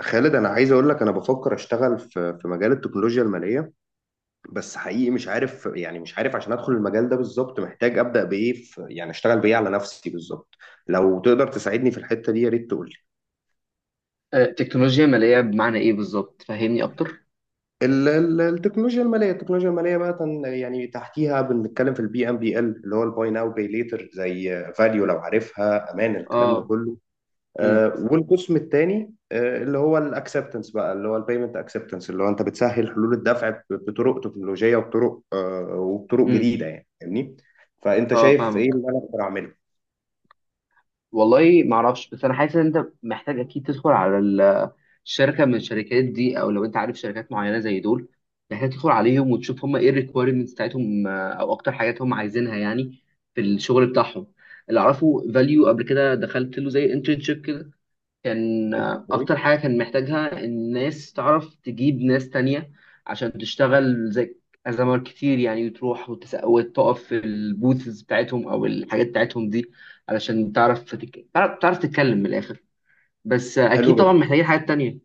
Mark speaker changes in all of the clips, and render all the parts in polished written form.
Speaker 1: خالد، انا عايز اقول لك انا بفكر اشتغل في مجال التكنولوجيا الماليه. بس حقيقي مش عارف، يعني مش عارف عشان ادخل المجال ده بالظبط محتاج ابدا بايه، في يعني اشتغل بايه على نفسي بالظبط. لو تقدر تساعدني في الحته دي يا ريت تقول لي.
Speaker 2: تكنولوجيا مالية بمعنى ايه بالظبط؟ فهمني اكتر.
Speaker 1: التكنولوجيا الماليه يعني تحتيها بنتكلم في البي ام بي ال اللي هو الباي ناو باي ليتر زي فاليو لو عارفها امان الكلام ده
Speaker 2: اه.
Speaker 1: كله.
Speaker 2: امم.
Speaker 1: والقسم الثاني اللي هو الاكسبتنس بقى اللي هو البيمنت اكسبتنس اللي هو انت بتسهل حلول الدفع بطرق تكنولوجيه وبطرق وبطرق
Speaker 2: امم.
Speaker 1: جديده، يعني فاهمني؟ فانت
Speaker 2: اه،
Speaker 1: شايف ايه
Speaker 2: فاهمك.
Speaker 1: اللي انا اقدر اعمله؟
Speaker 2: والله ما اعرفش، بس انا حاسس ان انت محتاج اكيد تدخل على الشركة من الشركات دي، او لو انت عارف شركات معينة زي دول محتاج تدخل عليهم وتشوف هم ايه الريكويرمنتس بتاعتهم، او اكتر حاجات هم عايزينها يعني في الشغل بتاعهم. اللي اعرفه، فاليو قبل كده دخلت له زي انترنشيب كده. كان
Speaker 1: أوكي.
Speaker 2: أكتر حاجة كان محتاجها الناس تعرف تجيب ناس تانية عشان تشتغل، زي أزمات كتير يعني، وتروح وتقف في البوثز بتاعتهم أو الحاجات بتاعتهم دي علشان تعرف تعرف تتكلم من الآخر. بس
Speaker 1: حلو
Speaker 2: أكيد طبعا
Speaker 1: جدا.
Speaker 2: محتاجين حاجات تانية.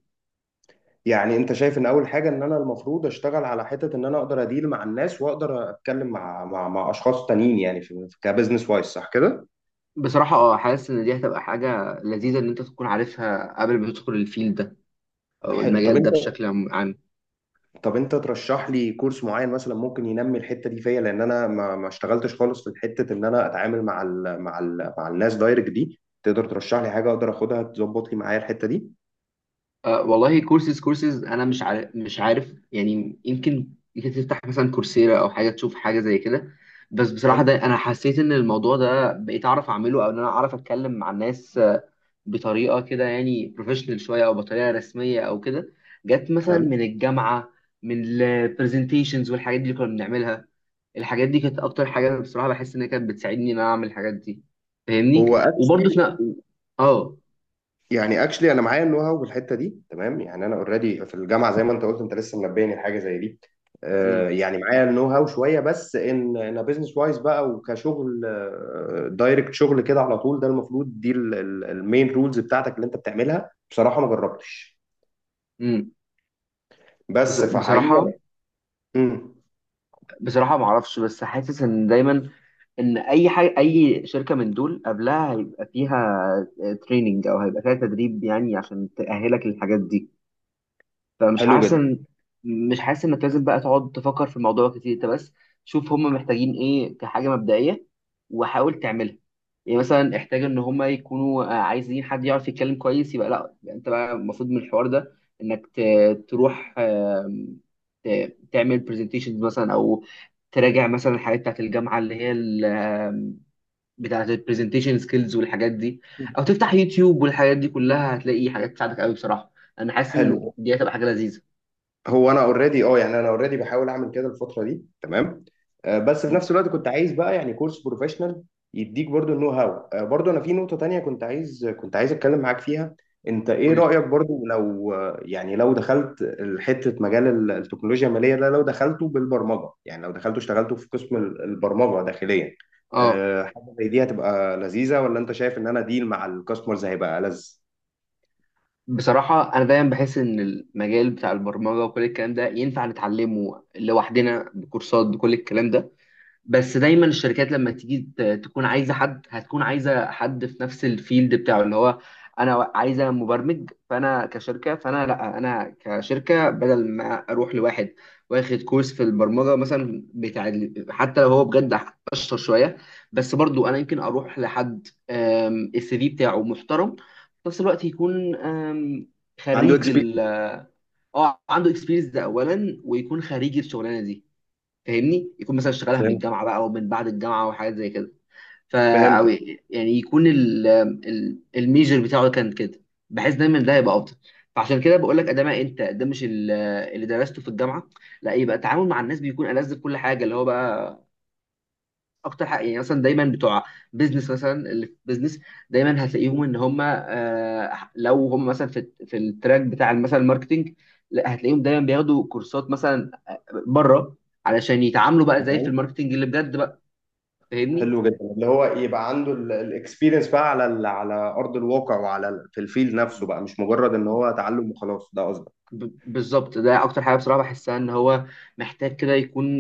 Speaker 1: يعني انت شايف ان اول حاجه ان انا المفروض اشتغل على حته ان انا اقدر اديل مع الناس واقدر اتكلم مع اشخاص تانيين، يعني في كبزنس وايز، صح كده؟
Speaker 2: بصراحة حاسس إن دي هتبقى حاجة لذيذة إن أنت تكون عارفها قبل ما تدخل الفيلد ده أو
Speaker 1: حلو. طب
Speaker 2: المجال ده
Speaker 1: انت،
Speaker 2: بشكل عام.
Speaker 1: طب انت ترشح لي كورس معين مثلا ممكن ينمي الحته دي فيا، لان انا ما اشتغلتش خالص في حته ان انا اتعامل مع الناس دايركت دي. تقدر ترشح لي حاجه اقدر اخدها تظبط لي معايا الحته دي؟
Speaker 2: أه والله، كورسز انا مش عارف يعني، يمكن تفتح مثلا كورسيرا او حاجه، تشوف حاجه زي كده. بس بصراحه،
Speaker 1: حلو.
Speaker 2: ده انا حسيت ان الموضوع ده بقيت اعرف اعمله او ان انا اعرف اتكلم مع الناس بطريقه كده يعني بروفيشنال شويه او بطريقه رسميه او كده. جت مثلا
Speaker 1: حلو.
Speaker 2: من الجامعه، من البرزنتيشنز والحاجات دي اللي كنا بنعملها. الحاجات دي كانت اكتر حاجه أنا بصراحه بحس ان هي كانت بتساعدني ان انا اعمل الحاجات دي. فاهمني.
Speaker 1: هو
Speaker 2: وبرضه
Speaker 1: اكشلي،
Speaker 2: في. اه.
Speaker 1: يعني اكشلي انا معايا النو هاو بالحته دي، تمام. يعني انا اوريدي في الجامعه زي ما انت قلت، انت لسه منبهني لحاجه زي دي.
Speaker 2: امم.
Speaker 1: يعني معايا النو هاو شويه، بس ان انا بزنس وايز بقى وكشغل دايركت، شغل كده على طول، ده المفروض دي المين رولز بتاعتك اللي انت بتعملها. بصراحه ما جربتش،
Speaker 2: امم.
Speaker 1: بس
Speaker 2: بصراحه
Speaker 1: فحقيقه. مم،
Speaker 2: بصراحة ما اعرفش، بس حاسس ان دايما ان اي حاجة اي شركة من دول قبلها هيبقى فيها تريننج او هيبقى فيها تدريب يعني عشان تأهلك للحاجات دي. فمش
Speaker 1: حلو
Speaker 2: حاسس
Speaker 1: جدا.
Speaker 2: إن- مش حاسس انك لازم بقى تقعد تفكر في الموضوع كتير، انت بس شوف هم محتاجين ايه كحاجه مبدئيه وحاول تعملها. يعني مثلا احتاج ان هم يكونوا عايزين حد يعرف يتكلم كويس، يبقى لا، يبقى انت بقى المفروض من الحوار ده انك تروح تعمل برزنتيشنز مثلا، او تراجع مثلا الحاجات بتاعت الجامعه اللي هي ال- آم، بتاعت البرزنتيشن سكيلز والحاجات دي، او تفتح يوتيوب والحاجات دي كلها. هتلاقي حاجات تساعدك قوي بصراحه. انا حاسس ان
Speaker 1: حلو.
Speaker 2: دي هتبقى حاجه لذيذه.
Speaker 1: هو انا اوريدي اه، يعني انا اوريدي بحاول اعمل كده الفتره دي، تمام. بس في
Speaker 2: مم.
Speaker 1: نفس الوقت كنت عايز بقى يعني كورس بروفيشنال يديك برضو النو هاو. برضو انا في نقطه تانية كنت عايز كنت عايز اتكلم معاك فيها. انت ايه
Speaker 2: قولي.
Speaker 1: رايك برضو لو يعني لو دخلت حته مجال التكنولوجيا الماليه ده، لو دخلته بالبرمجه، يعني لو دخلته اشتغلته في قسم البرمجه داخليا،
Speaker 2: اه.
Speaker 1: حاجه زي دي هتبقى لذيذه؟ ولا انت شايف ان انا ديل مع الكاستمرز هيبقى لذ؟
Speaker 2: بصراحة أنا دايما بحس إن المجال بتاع البرمجة وكل الكلام ده ينفع نتعلمه لوحدنا بكورسات بكل الكلام ده. بس دايما الشركات لما تيجي تكون عايزه حد، هتكون عايزه حد في نفس الفيلد بتاعه اللي هو انا عايزه مبرمج. فانا كشركه، فانا لا، انا كشركه بدل ما اروح لواحد واخد كورس في البرمجه مثلا بتاع حتى لو هو بجد اشطر شويه، بس برضو انا يمكن اروح لحد السي في بتاعه محترم، في نفس الوقت يكون
Speaker 1: عنده
Speaker 2: خريج
Speaker 1: اكسبيرينس.
Speaker 2: ال اه، عنده اكسبيرينس ده اولا، ويكون خريج الشغلانه دي. فاهمني؟ يكون مثلا اشتغلها من
Speaker 1: فهمت.
Speaker 2: الجامعه بقى او من بعد الجامعه او حاجات زي كده. فا او
Speaker 1: فهمتك.
Speaker 2: يعني يكون ال ال الميجر بتاعه كان كده، بحيث دايما ده يبقى افضل. فعشان كده بقول لك ده، ما انت ده مش اللي درسته في الجامعه. لا، يبقى التعامل مع الناس بيكون ألذ في كل حاجه، اللي هو بقى اكتر حاجه. يعني مثلا دايما بتوع بيزنس مثلا، اللي في بيزنس دايما هتلاقيهم ان هم لو هم مثلا في في التراك بتاع مثلا الماركتنج، لا هتلاقيهم دايما بياخدوا كورسات مثلا بره علشان يتعاملوا بقى زي في الماركتنج اللي بجد بقى. فاهمني؟
Speaker 1: حلو جدا. اللي هو يبقى عنده الاكسبيرينس بقى على على ارض الواقع وعلى في الفيل نفسه بقى، مش مجرد ان هو تعلم وخلاص، ده قصدك؟
Speaker 2: بالظبط، ده اكتر حاجه بصراحه بحسها ان هو محتاج كده يكون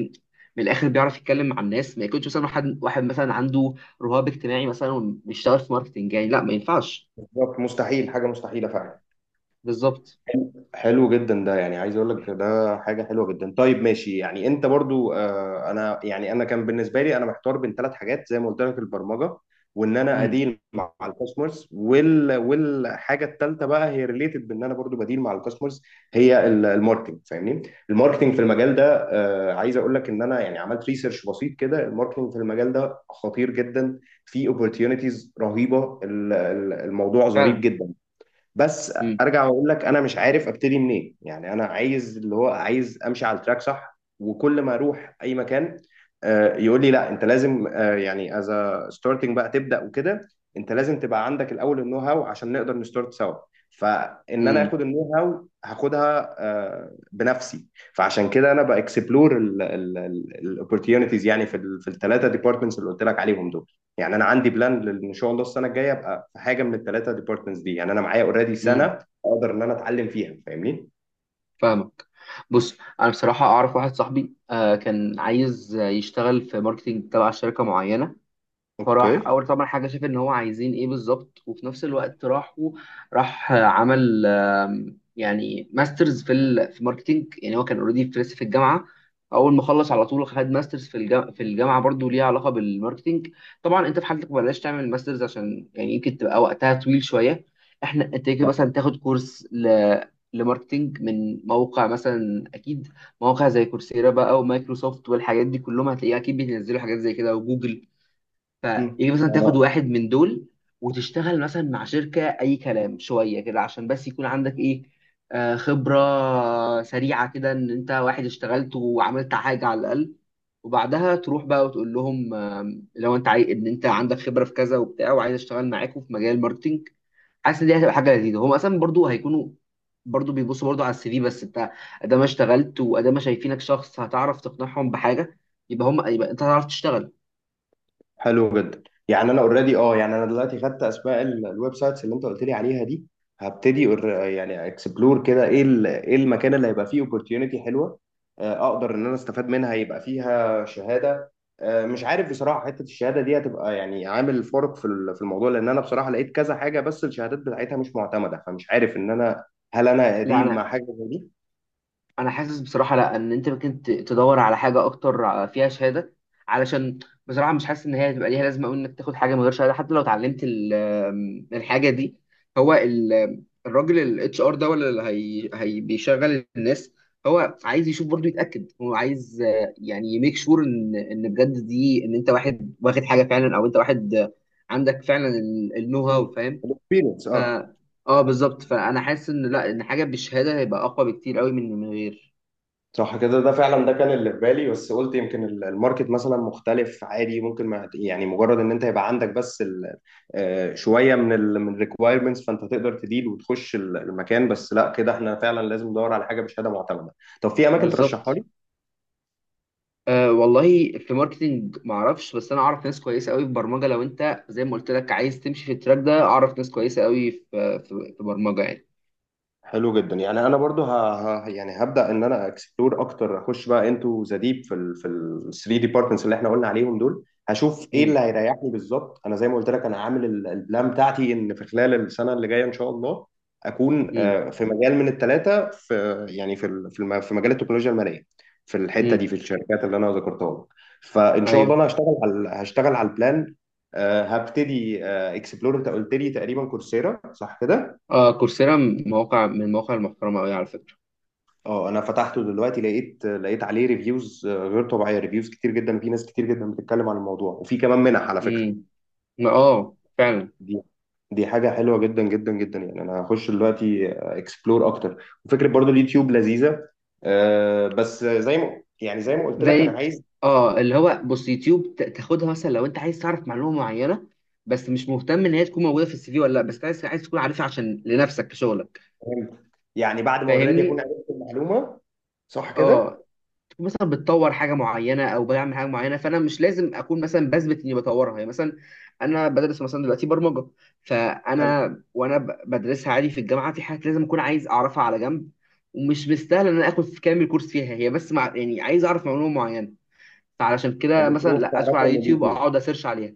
Speaker 2: من الاخر بيعرف يتكلم مع الناس، ما يكونش مثلا واحد مثلا عنده رهاب اجتماعي مثلا وبيشتغل في ماركتنج، يعني لا ما ينفعش.
Speaker 1: بالظبط، مستحيل، حاجه مستحيله فعلا.
Speaker 2: بالظبط.
Speaker 1: حلو جدا، ده يعني عايز اقول لك ده حاجه حلوه جدا. طيب ماشي، يعني انت برضو آه، انا يعني انا كان بالنسبه لي انا محتار بين ثلاث حاجات زي ما قلت لك، البرمجه وان انا
Speaker 2: امم.
Speaker 1: اديل مع الكاستمرز، وال والحاجه الثالثه بقى هي ريليتد بان انا برضو بديل مع الكاستمرز، هي الماركتنج، فاهمني؟ الماركتنج في المجال ده آه، عايز اقول لك ان انا يعني عملت ريسيرش بسيط كده، الماركتنج في المجال ده خطير جدا، في اوبورتيونيتيز رهيبه، الموضوع ظريف
Speaker 2: فعلا.
Speaker 1: جدا. بس
Speaker 2: امم.
Speaker 1: ارجع واقول لك انا مش عارف ابتدي منين. يعني انا عايز اللي هو عايز امشي على التراك صح، وكل ما اروح اي مكان يقول لي لا انت لازم يعني از ستارتنج بقى تبدا وكده، انت لازم تبقى عندك الاول النو هاو عشان نقدر نستارت سوا. فان انا
Speaker 2: امم.
Speaker 1: اخد النو هاو هاخدها بنفسي. فعشان كده انا باكسبلور الاوبورتيونيتيز يعني في في الثلاثه ديبارتمنتس اللي قلت لك عليهم دول. يعني انا عندي بلان ان شاء الله السنه الجايه ابقى في حاجه من الثلاثه ديبارتمنتس دي، يعني انا معايا اوريدي
Speaker 2: امم.
Speaker 1: سنه اقدر ان انا اتعلم فيها، فاهمني؟
Speaker 2: فاهمك. بص، انا بصراحه اعرف واحد صاحبي كان عايز يشتغل في ماركتنج تبع شركه معينه. فراح
Speaker 1: اوكي.
Speaker 2: اول طبعا حاجه شاف ان هو عايزين ايه بالظبط، وفي نفس الوقت راح عمل يعني ماسترز في ماركتينج، يعني هو كان اوريدي في لسه في الجامعه، اول ما خلص على طول خد ماسترز في الجامعه، في الجامعه برضو ليها علاقه بالماركتينج. طبعا انت في حالتك بلاش تعمل ماسترز عشان يعني يمكن تبقى وقتها طويل شويه. احنا انت يمكن مثلا تاخد كورس لماركتينج من موقع مثلا. اكيد مواقع زي كورسيرا بقى ومايكروسوفت والحاجات دي كلهم هتلاقيها اكيد بينزلوا حاجات زي كده، وجوجل. فيجي مثلا تاخد
Speaker 1: انا
Speaker 2: واحد من دول وتشتغل مثلا مع شركة أي كلام شوية كده عشان بس يكون عندك إيه، خبرة سريعة كده إن أنت واحد اشتغلت وعملت حاجة على الأقل. وبعدها تروح بقى وتقول لهم لو أنت عايز إن أنت عندك خبرة في كذا وبتاع، وعايز أشتغل معاكم في مجال الماركتينج. حاسس إن دي هتبقى حاجة لذيذة، هم أصلا برضو هيكونوا برضو بيبصوا برضو على السي في. بس أنت أدام اشتغلت وأدام شايفينك شخص هتعرف تقنعهم بحاجة، يبقى هم، يبقى أنت هتعرف تشتغل.
Speaker 1: حلو جدا. يعني انا اوريدي اه، يعني انا دلوقتي خدت اسماء الويب سايتس اللي انت قلت لي عليها دي. هبتدي يعني اكسبلور كده ايه ايه المكان اللي هيبقى فيه اوبورتيونيتي حلوه، اقدر ان انا استفاد منها، يبقى فيها شهاده. مش عارف بصراحه حته الشهاده دي هتبقى يعني عامل فرق في في الموضوع، لان انا بصراحه لقيت كذا حاجه بس الشهادات بتاعتها مش معتمده، فمش عارف ان انا هل انا
Speaker 2: لا،
Speaker 1: اديل
Speaker 2: انا
Speaker 1: مع حاجه زي
Speaker 2: انا حاسس بصراحه لا، ان انت ممكن تدور على حاجه اكتر فيها شهاده، علشان بصراحه مش حاسس ان هي هتبقى ليها لازمه قوي انك تاخد حاجه من غير شهاده حتى لو اتعلمت ال- آم، الحاجه دي. هو الراجل الاتش ار ده ولا اللي هي بيشغل الناس، هو عايز يشوف برضه يتاكد، هو عايز يعني يميك شور ان بجد دي، ان انت واحد واخد حاجه فعلا، او انت واحد عندك فعلا النو هاو.
Speaker 1: دي؟
Speaker 2: فاهم؟
Speaker 1: الاكسبيرينس
Speaker 2: ف
Speaker 1: اه.
Speaker 2: اه بالظبط، فانا حاسس ان لا، ان حاجه بالشهاده هيبقى اقوى بكتير قوي من غير.
Speaker 1: صح كده، ده فعلا ده كان اللي في بالي. بس قلت يمكن الماركت مثلا مختلف عادي، ممكن ما يعني مجرد ان انت يبقى عندك بس شويه من ال من الريكوايرمنتس فانت تقدر تديل وتخش المكان. بس لا، كده احنا فعلا لازم ندور على حاجه بشهاده معتمده. طب في اماكن
Speaker 2: بالظبط.
Speaker 1: ترشحها لي؟
Speaker 2: أه والله في ماركتينج ما اعرفش، بس انا اعرف ناس كويسه قوي في برمجه. لو انت زي ما قلت لك عايز تمشي في التراك ده، اعرف ناس كويسه قوي في برمجه يعني.
Speaker 1: حلو جدا. يعني انا برضو يعني هبدا ان انا اكسبلور اكتر، اخش بقى انتو ذا ديب في ال 3 ديبارتمنتس اللي احنا قلنا عليهم دول، هشوف ايه اللي
Speaker 2: امم.
Speaker 1: هيريحني بالظبط. انا زي ما قلت لك انا عامل البلان بتاعتي ان في خلال السنه اللي جايه ان شاء الله اكون
Speaker 2: امم.
Speaker 1: في مجال من الثلاثه، في يعني في في في مجال التكنولوجيا الماليه، في الحته
Speaker 2: امم.
Speaker 1: دي في الشركات اللي انا ذكرتها لك. فان شاء الله
Speaker 2: ايوه.
Speaker 1: انا هشتغل على هشتغل على البلان. هبتدي اكسبلور. انت قلت لي تقريبا كورسيرا، صح كده؟
Speaker 2: اه، كورسيرا، مواقع من المواقع المحترمه قوي على فكره.
Speaker 1: اه انا فتحته دلوقتي، لقيت لقيت عليه ريفيوز غير طبيعيه، ريفيوز كتير جدا وفي ناس كتير جدا بتتكلم عن الموضوع، وفي كمان منح على فكره.
Speaker 2: امم. اه فعلا.
Speaker 1: دي دي حاجه حلوه جدا جدا جدا، يعني انا هخش دلوقتي اكسبلور اكتر. وفكره برضو اليوتيوب لذيذه. بس زي ما يعني زي ما قلت لك انا
Speaker 2: زي
Speaker 1: عايز،
Speaker 2: اه، اللي هو بص، يوتيوب تاخدها مثلا لو انت عايز تعرف معلومه معينه، بس مش مهتم ان هي تكون موجوده في السي في ولا لا، بس عايز، عايز تكون عارفها عشان لنفسك في شغلك.
Speaker 1: يعني بعد ما اوريدي اكون
Speaker 2: فاهمني؟
Speaker 1: عرفت المعلومه، صح
Speaker 2: اه.
Speaker 1: كده؟
Speaker 2: مثلا بتطور حاجه معينه او بعمل حاجه معينه، فانا مش لازم اكون مثلا بثبت اني بطورها. يعني مثلا انا بدرس مثلا دلوقتي برمجه،
Speaker 1: حلو.
Speaker 2: فانا وانا بدرسها عادي في الجامعه، في حاجات لازم اكون عايز اعرفها على جنب، ومش مستاهل ان انا اخد في كامل كورس فيها هي، بس مع يعني عايز اعرف معلومه معينه. فعلشان كده مثلا
Speaker 1: فبتروح
Speaker 2: لا، ادخل
Speaker 1: تعرفها
Speaker 2: على
Speaker 1: من
Speaker 2: يوتيوب
Speaker 1: اليوتيوب.
Speaker 2: اقعد اسيرش عليها.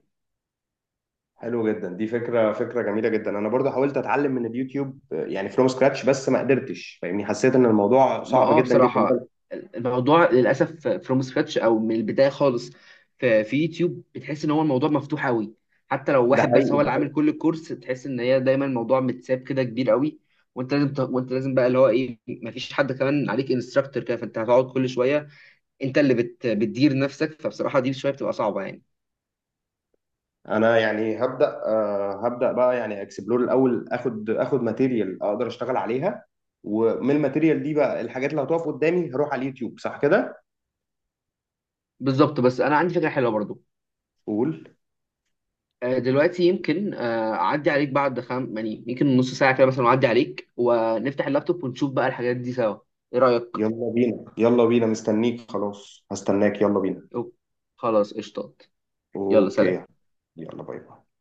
Speaker 1: حلو جدا، دي فكرة فكرة جميلة جدا. انا برضو حاولت اتعلم من اليوتيوب يعني فروم سكراتش بس ما قدرتش، فاهمني؟ حسيت ان الموضوع
Speaker 2: ما
Speaker 1: صعب
Speaker 2: اه
Speaker 1: جدا جدا ده.
Speaker 2: بصراحة، الموضوع للأسف فروم سكراتش أو من البداية خالص، في في يوتيوب بتحس إن هو الموضوع مفتوح أوي. حتى لو
Speaker 1: ده
Speaker 2: واحد بس
Speaker 1: حقيقي،
Speaker 2: هو
Speaker 1: ده
Speaker 2: اللي عامل
Speaker 1: حقيقي.
Speaker 2: كل الكورس، تحس إن هي دايما الموضوع متساب كده كبير أوي. وأنت لازم بقى، اللي هو إيه، مفيش حد كمان عليك انستراكتور كده، فأنت هتقعد كل شوية أنت اللي بتدير نفسك. فبصراحة دي شوية بتبقى صعبة يعني.
Speaker 1: انا يعني هبدأ هبدأ بقى، يعني اكسبلور الاول، اخد اخد ماتيريال اقدر اشتغل عليها. ومن الماتيريال دي بقى الحاجات اللي هتقف قدامي هروح على اليوتيوب، صح كده؟
Speaker 2: بالظبط. بس أنا عندي فكرة حلوة برضو.
Speaker 1: قول.
Speaker 2: دلوقتي يمكن اعدي عليك بعد خم يعني، يمكن نص ساعه كده مثلا، اعدي عليك ونفتح اللابتوب ونشوف بقى الحاجات دي سوا. ايه رايك؟
Speaker 1: يلا بينا يلا بينا، مستنيك خلاص هستناك يلا بينا.
Speaker 2: أوه. خلاص قشطات. يلا
Speaker 1: اوكي.
Speaker 2: سلام.
Speaker 1: يلا باي باي.